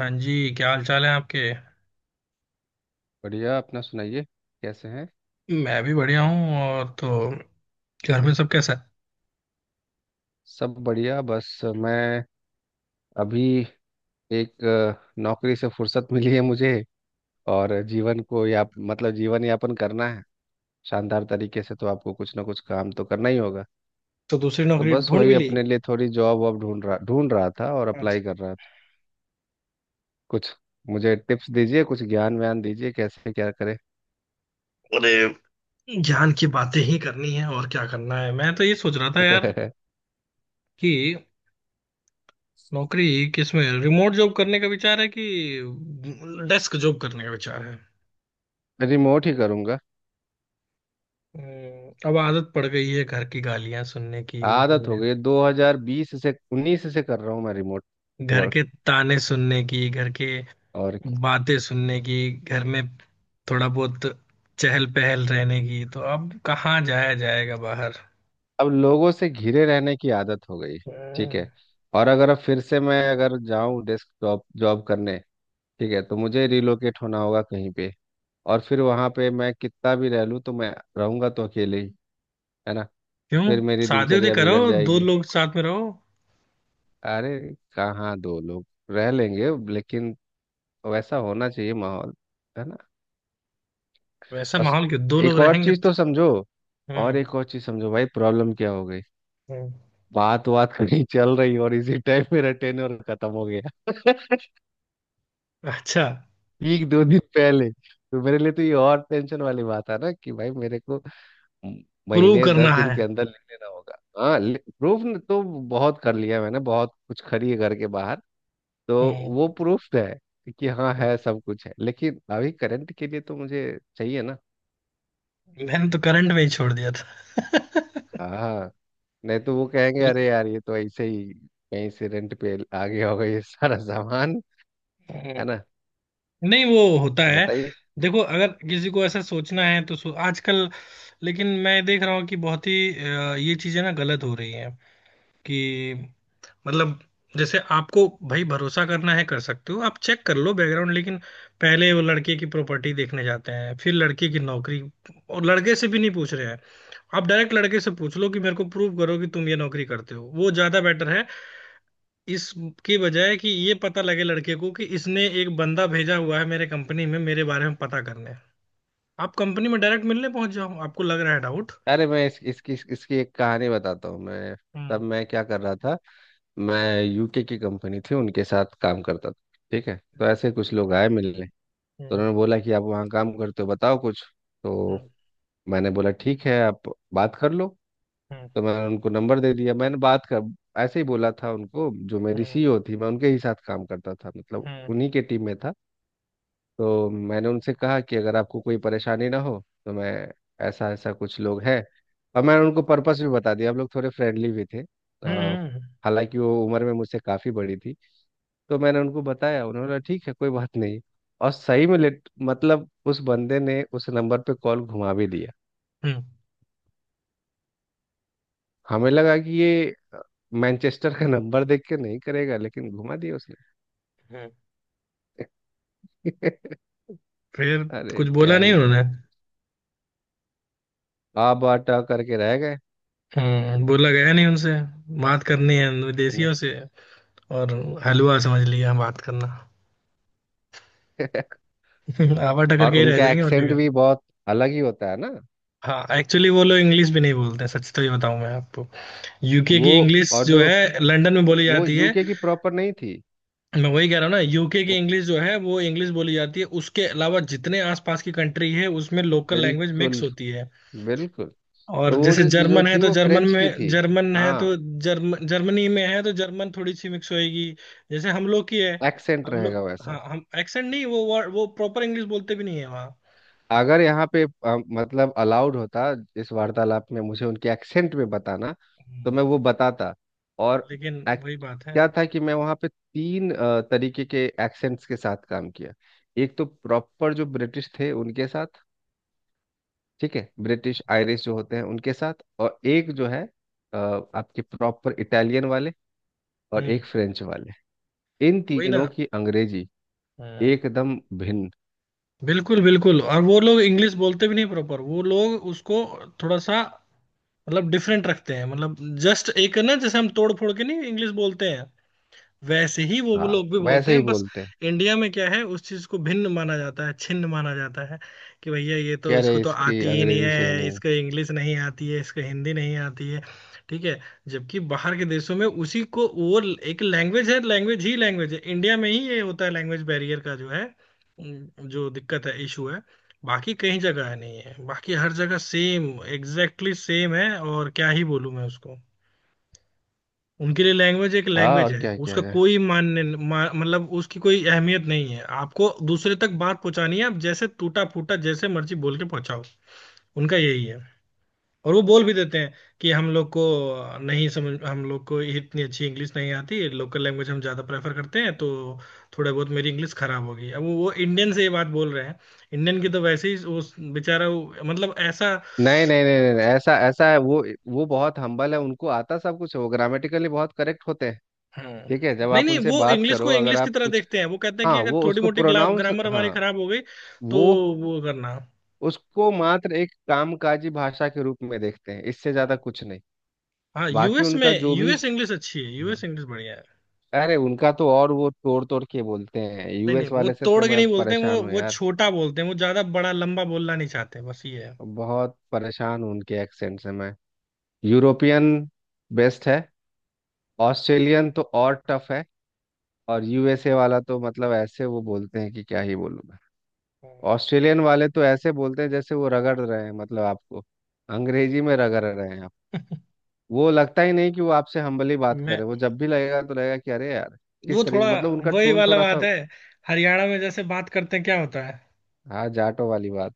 हाँ जी, क्या हाल चाल है आपके। बढ़िया। अपना सुनाइए, कैसे हैं? मैं भी बढ़िया हूँ। और तो घर में सब कैसा है। सब बढ़िया, बस मैं अभी एक नौकरी से फुर्सत मिली है मुझे, और जीवन को या मतलब जीवन यापन करना है शानदार तरीके से, तो आपको कुछ ना कुछ काम तो करना ही होगा। तो दूसरी तो नौकरी बस ढूंढ वही, भी ली। अपने लिए थोड़ी जॉब वॉब ढूंढ रहा था और अच्छा। अप्लाई कर रहा था कुछ। मुझे टिप्स दीजिए, कुछ ज्ञान व्यान दीजिए, कैसे क्या करें। अरे, ज्ञान की बातें ही करनी है और क्या करना है। मैं तो ये सोच रहा था यार कि नौकरी किस में रिमोट जॉब करने का विचार है कि डेस्क जॉब करने का विचार है। रिमोट ही करूंगा। हम्म। अब आदत पड़ गई है घर की गालियां सुनने की, आदत हो गई, 2020 से 19 से कर रहा हूँ मैं रिमोट घर वर्क। के ताने सुनने की, घर के और बातें सुनने की, घर में थोड़ा बहुत चहल पहल रहने की। तो अब कहाँ जाया जाएगा बाहर। अब लोगों से घिरे रहने की आदत हो गई, ठीक है। हम्म। और अगर अब फिर से मैं अगर जाऊं डेस्क जॉब जॉब करने, ठीक है, तो मुझे रिलोकेट होना होगा कहीं पे। और फिर वहां पे मैं कितना भी रह लूं तो मैं रहूंगा तो अकेले ही, है ना। क्यों। फिर मेरी शादी उदी दिनचर्या करो, बिगड़ दो जाएगी। लोग साथ में रहो। अरे, कहाँ दो लोग, रह लेंगे लेकिन वैसा होना चाहिए माहौल, है ना। वैसा और स- माहौल क्यों, दो लोग एक और रहेंगे चीज तो तो। समझो और हम्म, एक और चीज समझो भाई, प्रॉब्लम क्या हो गई? हम्म। बात बात कहीं चल रही और इसी टाइम मेरा टेन्योर खत्म हो गया। अच्छा। ठीक 2 दिन पहले, तो मेरे लिए तो ये और टेंशन वाली बात है ना कि भाई मेरे को म- प्रूव महीने करना 10 दिन है। के अंदर लिख लेना होगा। हाँ, प्रूफ। तो बहुत कर लिया मैंने, बहुत कुछ खरी है घर के बाहर। तो हम्म, वो प्रूफ है कि हाँ हम्म। है, सब कुछ है, लेकिन अभी करंट के लिए तो मुझे चाहिए ना। मैंने तो करंट में ही छोड़ दिया था। हाँ, नहीं तो वो कहेंगे अरे यार ये तो ऐसे ही कहीं से रेंट पे आ गया होगा ये सारा सामान, है हम्म। ना। नहीं, वो होता तो है। बताइए। देखो, अगर किसी को ऐसा सोचना है तो सो, आजकल। लेकिन मैं देख रहा हूँ कि बहुत ही ये चीजें ना गलत हो रही हैं। कि मतलब जैसे, आपको भाई भरोसा करना है कर सकते हो, आप चेक कर लो बैकग्राउंड, लेकिन पहले वो लड़के की प्रॉपर्टी देखने जाते हैं, फिर लड़के की नौकरी, और लड़के से भी नहीं पूछ रहे हैं। आप डायरेक्ट लड़के से पूछ लो कि मेरे को प्रूव करो कि तुम ये नौकरी करते हो, वो ज्यादा बेटर है। इसके बजाय कि ये पता लगे लड़के को कि इसने एक बंदा भेजा हुआ है मेरे कंपनी में मेरे बारे में पता करने, आप कंपनी में डायरेक्ट मिलने पहुंच जाओ, आपको लग रहा है डाउट। अरे, मैं इस, इसकी इसकी एक कहानी बताता हूँ मैं। तब हम्म, मैं क्या कर रहा था, मैं यूके की कंपनी थी उनके साथ काम करता था, ठीक है। तो ऐसे कुछ लोग आए मिलने, तो हम्म, उन्होंने बोला कि आप वहाँ काम करते हो बताओ कुछ। तो मैंने बोला ठीक है, आप बात कर लो। हम्म, तो मैंने उनको नंबर दे दिया, मैंने बात कर, ऐसे ही बोला था उनको, जो मेरी हम्म, सीईओ थी, मैं उनके ही साथ काम करता था मतलब हम्म, हम्म, उन्हीं के टीम में था। तो मैंने उनसे कहा कि अगर आपको कोई परेशानी ना हो तो मैं, ऐसा ऐसा कुछ लोग हैं, और मैंने उनको पर्पस भी बता दिया, हम लोग थोड़े फ्रेंडली भी थे। हम्म, अ, हालांकि वो उम्र में मुझसे काफ़ी बड़ी थी। तो मैंने उनको बताया, उन्होंने बोला ठीक है कोई बात नहीं। और सही में लेट मतलब उस बंदे ने उस नंबर पे कॉल घुमा भी दिया। हम्म। हमें लगा कि ये मैनचेस्टर का नंबर देख के नहीं करेगा, लेकिन घुमा दिया उसने। हम्म। फिर अरे कुछ क्या बोला नहीं ही कहो। उन्होंने। आप आटा करके रह गए। हम्म। बोला गया नहीं उनसे। बात करनी है नहीं। विदेशियों से, और हलवा समझ लिया बात करना। आवा टकर और के ही रह उनका जाएंगे, और क्या एक्सेंट भी करें। बहुत अलग ही होता है ना। हाँ, एक्चुअली वो लोग इंग्लिश भी नहीं बोलते हैं, सच तो ये बताऊं मैं आपको। यूके वो की इंग्लिश और जो जो है लंदन में बोली वो जाती है। यूके की प्रॉपर नहीं थी। मैं वही कह रहा हूँ ना, यूके की वो इंग्लिश जो है वो इंग्लिश बोली जाती है, उसके अलावा जितने आसपास की कंट्री है उसमें लोकल लैंग्वेज मिक्स बिल्कुल होती है। बिल्कुल। और तो वो जैसे जो जो जो जर्मन है थी तो वो जर्मन फ्रेंच की में, थी। जर्मन है हाँ, तो जर्मनी में है तो जर्मन थोड़ी सी मिक्स होएगी। जैसे हम लोग की है। एक्सेंट हम लोग, रहेगा वैसा। हाँ, हम एक्सेंट नहीं, वो प्रॉपर इंग्लिश बोलते भी नहीं है वहाँ। अगर यहाँ पे मतलब अलाउड होता इस वार्तालाप में मुझे उनके एक्सेंट में बताना, तो हम्म। मैं वो बताता। हाँ, और लेकिन act- वही बात है। क्या था कि मैं वहाँ पे तीन तरीके के एक्सेंट्स के साथ काम किया। एक तो प्रॉपर जो ब्रिटिश थे उनके साथ, ठीक है, ब्रिटिश आयरिश जो होते हैं उनके साथ, और एक जो है आपके प्रॉपर इटालियन वाले, और हम्म। एक फ्रेंच वाले। इन वही तीनों ना। की अंग्रेजी हम्म। एकदम भिन्न। बिल्कुल बिल्कुल। और वो लोग इंग्लिश बोलते भी नहीं प्रॉपर, वो लोग उसको थोड़ा सा, मतलब, डिफरेंट रखते हैं। मतलब जस्ट एक ना, जैसे हम तोड़ फोड़ के नहीं इंग्लिश बोलते हैं, वैसे ही वो हाँ, लोग भी बोलते वैसे ही हैं बस। बोलते हैं। इंडिया में क्या है, उस चीज को भिन्न माना जाता है, छिन्न माना जाता है। कि भैया ये तो, कह इसको रहे तो इसकी आती ही नहीं अंग्रेजी सही है, नहीं। इसको इंग्लिश नहीं आती है, इसको हिंदी नहीं आती है। ठीक है। जबकि बाहर के देशों में उसी को वो एक लैंग्वेज है, लैंग्वेज ही लैंग्वेज है। इंडिया में ही ये होता है, लैंग्वेज बैरियर का जो है, जो दिक्कत है, इशू है। बाकी कहीं जगह नहीं है, बाकी हर जगह सेम एग्जैक्टली सेम है, और क्या ही बोलूं मैं उसको। उनके लिए लैंग्वेज एक हाँ लैंग्वेज और है। क्या किया उसका जाए। कोई मान्य मतलब उसकी कोई अहमियत नहीं है। आपको दूसरे तक बात पहुंचानी है, आप जैसे टूटा फूटा, जैसे मर्जी बोल के पहुंचाओ। उनका यही है। और वो बोल भी देते हैं कि हम लोग को नहीं समझ, हम लोग को इतनी अच्छी इंग्लिश नहीं आती, लोकल लैंग्वेज हम ज़्यादा प्रेफर करते हैं। तो थोड़ा बहुत मेरी इंग्लिश खराब होगी, अब वो इंडियन से ये बात बोल रहे हैं, इंडियन की तो वैसे ही वो बेचारा मतलब ऐसा। नहीं नहीं नहीं नहीं नहीं, ऐसा ऐसा है वो। वो बहुत हम्बल है, उनको आता सब कुछ है, वो ग्रामेटिकली बहुत करेक्ट होते हैं। हाँ। ठीक है, जब नहीं आप नहीं, उनसे वो बात इंग्लिश करो को अगर इंग्लिश की आप तरह कुछ। देखते हैं। वो कहते हैं हाँ, कि अगर वो थोड़ी उसको मोटी प्रोनाउंस। ग्रामर हमारी हाँ, खराब हो गई तो वो वो करना। उसको मात्र एक कामकाजी भाषा के रूप में देखते हैं, इससे ज्यादा हाँ। कुछ नहीं। हाँ, बाकी यूएस में उनका जो भी। यूएस इंग्लिश अच्छी है, यूएस हाँ। इंग्लिश बढ़िया है। अरे उनका तो, और वो तोड़ तोड़ के बोलते हैं, नहीं नहीं, यूएस वो वाले से तोड़ तो के मैं नहीं बोलते हैं, वो परेशान हूँ वो यार। छोटा बोलते हैं, वो ज्यादा बड़ा लंबा बोलना नहीं चाहते बस ये है। बहुत परेशान हूँ उनके एक्सेंट से मैं। यूरोपियन बेस्ट है। ऑस्ट्रेलियन तो और टफ है। और यूएसए वाला तो मतलब ऐसे वो बोलते हैं कि क्या ही बोलूं मैं। हम्म। ऑस्ट्रेलियन वाले तो ऐसे बोलते हैं जैसे वो रगड़ रहे हैं, मतलब आपको अंग्रेजी में रगड़ रहे हैं आप। वो लगता ही नहीं कि वो आपसे हम्बली बात कर मैं, रहे हैं। वो जब भी लगेगा तो लगेगा कि अरे यार, वो किस थोड़ा, तरीके, मतलब उनका वही टोन वाला थोड़ा बात सा। है। हरियाणा में जैसे बात करते हैं क्या होता है। हाँ, जाटो वाली बात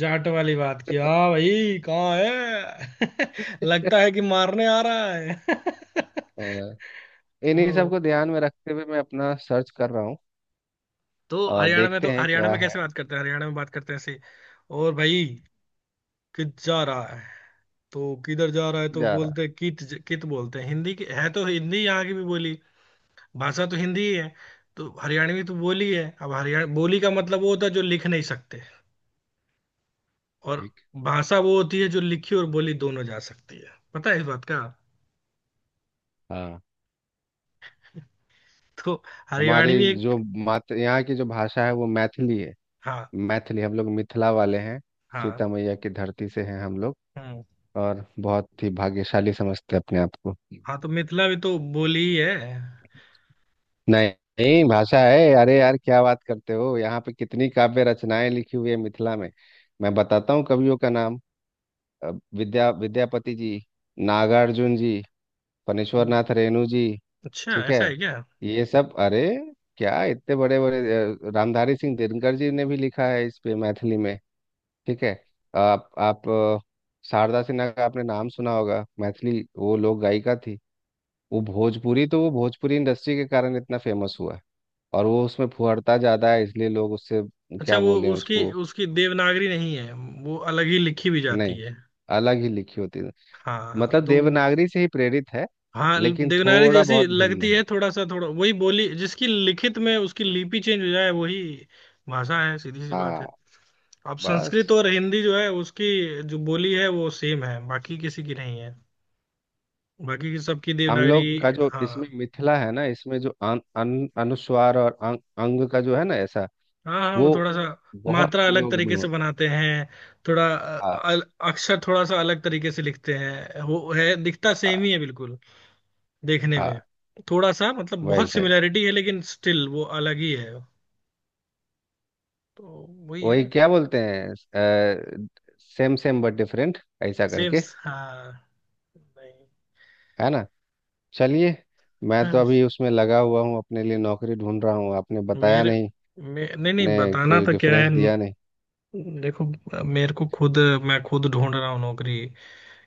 जाट वाली बात की, है। हाँ भाई कहाँ है। लगता है कि मारने आ रहा है। अ, इन्हीं सब तो, को ध्यान में रखते हुए मैं अपना सर्च कर रहा हूँ। देखते हैं हरियाणा क्या में कैसे है। बात करते हैं, हरियाणा में बात करते हैं ऐसे। और भाई, कित जा रहा है। तो किधर जा रहा है तो जा रहा। बोलते हैं कित। कित बोलते हैं। हिंदी की है तो हिंदी, यहाँ की भी बोली भाषा तो हिंदी ही है। तो हरियाणवी तो बोली है। अब हरियाणा बोली का मतलब वो होता है जो लिख नहीं सकते, और ठीक। भाषा वो होती है जो लिखी और बोली दोनों जा सकती है। पता है इस बात का। हाँ, तो हमारे हरियाणवी जो एक, मात यहाँ की जो भाषा है वो मैथिली है। हाँ, मैथिली, हम लोग मिथिला वाले हैं। हाँ, सीता मैया की धरती से हैं हम लोग। हम्म। और बहुत ही भाग्यशाली समझते हैं अपने आप को। हाँ, तो मिथिला भी तो बोली ही है। नहीं नहीं, भाषा है। अरे यार क्या बात करते हो, यहाँ पे कितनी काव्य रचनाएं लिखी हुई है मिथिला में। मैं बताता हूँ कवियों का नाम। अ, विद्यापति जी, नागार्जुन जी, फणीश्वर हम्म। नाथ रेणु जी, अच्छा ठीक है, ऐसा है क्या। ये सब। अरे, क्या इतने बड़े बड़े, रामधारी सिंह दिनकर जी ने भी लिखा है इस पे मैथिली में, ठीक है। आप शारदा सिन्हा का आपने नाम सुना होगा, मैथिली वो लोक गायिका थी। वो भोजपुरी तो, वो भोजपुरी इंडस्ट्री के कारण इतना फेमस हुआ है। और वो उसमें फुहड़ता ज्यादा है इसलिए लोग उससे, अच्छा, क्या वो बोले उसकी, उसको। उसकी देवनागरी नहीं है, वो अलग ही लिखी भी जाती नहीं, है। अलग ही लिखी होती है। हाँ, मतलब तो। देवनागरी से ही प्रेरित है, हाँ, लेकिन देवनागरी थोड़ा जैसी बहुत भिन्न लगती है। है थोड़ा सा, थोड़ा, वही, बोली जिसकी लिखित में उसकी लिपि चेंज हो जाए, वही भाषा है, सीधी सी बात हाँ, है। अब संस्कृत बस। और हिंदी जो है, उसकी जो बोली है वो सेम है, बाकी किसी की नहीं है, बाकी की सबकी हम देवनागरी। लोग का जो हाँ, इसमें मिथिला है ना, इसमें जो अन, अन, अनुस्वार और अंग का जो है ना ऐसा, हाँ, हाँ, वो वो थोड़ा सा, बहुत मात्रा अलग प्रयोग में तरीके से होता बनाते हैं। थोड़ा है। अक्षर थोड़ा सा अलग तरीके से लिखते हैं, वो है, दिखता सेम हाँ ही है बिल्कुल देखने में, हाँ, थोड़ा सा। मतलब बहुत वैसा ही। सिमिलैरिटी है लेकिन स्टिल वो अलग ही है। तो वही वही, है। क्या बोलते हैं, सेम सेम बट डिफरेंट ऐसा सेम। करके, हाँ। नहीं। है ना। चलिए। मैं तो हाँ, अभी उसमें लगा हुआ हूँ, अपने लिए नौकरी ढूंढ रहा हूँ। आपने बताया मेरे नहीं, नहीं नहीं, ने बताना कोई तो क्या डिफरेंस है। दिया नहीं। देखो, मेरे को खुद मैं खुद ढूंढ रहा हूँ नौकरी।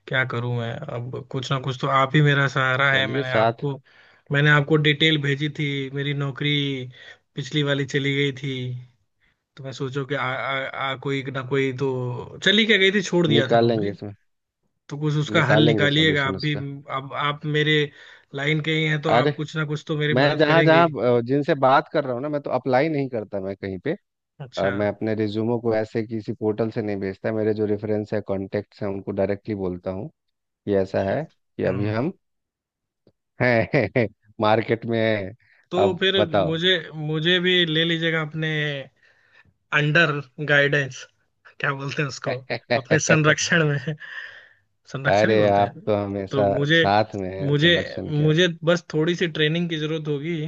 क्या करूँ मैं, अब कुछ ना कुछ तो, आप ही मेरा सहारा है। चलिए, मैंने साथ आपको मैंने आपको डिटेल भेजी थी मेरी, नौकरी पिछली वाली चली गई थी, तो मैं सोचो कि आ, आ, आ कोई ना कोई तो, चली क्या गई थी, छोड़ दिया था निकालेंगे नौकरी। इसमें। तो कुछ उसका हल निकालेंगे निकालिएगा आप सॉल्यूशन भी। उसका। अब आप मेरे लाइन के ही हैं तो आप अरे, कुछ ना कुछ तो मेरी मैं मदद जहाँ करेंगे जहाँ ही। जिनसे बात कर रहा हूँ ना, मैं तो अप्लाई नहीं करता मैं कहीं पे। अच्छा, मैं अपने रिज्यूमो को ऐसे किसी पोर्टल से नहीं भेजता, मेरे जो रेफरेंस है कॉन्टेक्ट्स हैं उनको डायरेक्टली बोलता हूँ कि ऐसा अच्छा। है कि अभी हम्म। हम है मार्केट में है। तो अब फिर बताओ। मुझे मुझे भी ले लीजिएगा अपने अंडर गाइडेंस, क्या बोलते हैं उसको, अपने संरक्षण में। संरक्षण ही अरे बोलते आप हैं। तो हमेशा तो मुझे साथ में हैं, मुझे संरक्षण क्या। मुझे बस थोड़ी सी ट्रेनिंग की जरूरत होगी।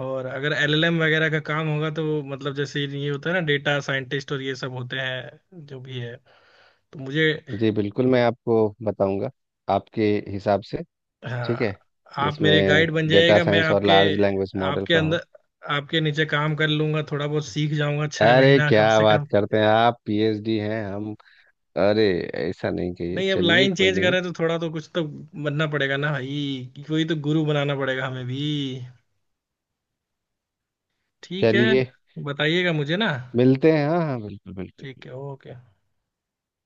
और अगर एलएलएम वगैरह का काम होगा, तो मतलब जैसे ये होता है ना डेटा साइंटिस्ट और ये सब होते हैं, जो भी है, तो मुझे, जी बिल्कुल, मैं आपको बताऊंगा आपके हिसाब से, ठीक हाँ, है, आप मेरे जिसमें गाइड बन डेटा जाइएगा, मैं साइंस और आपके लार्ज लैंग्वेज मॉडल आपके का हो। अंदर, आपके नीचे काम कर लूंगा, थोड़ा बहुत सीख जाऊंगा, छह अरे महीना कम क्या से बात कम। करते हैं, आप पीएचडी हैं हम। अरे ऐसा नहीं कहिए, नहीं, अब चलिए लाइन कोई चेंज कर नहीं। रहे हैं तो थोड़ा तो, कुछ तो बनना पड़ेगा ना भाई, कोई तो गुरु बनाना पड़ेगा हमें भी। ठीक है। चलिए, बताइएगा मुझे ना। मिलते हैं, हाँ हाँ बिल्कुल ठीक है, बिल्कुल। ओके।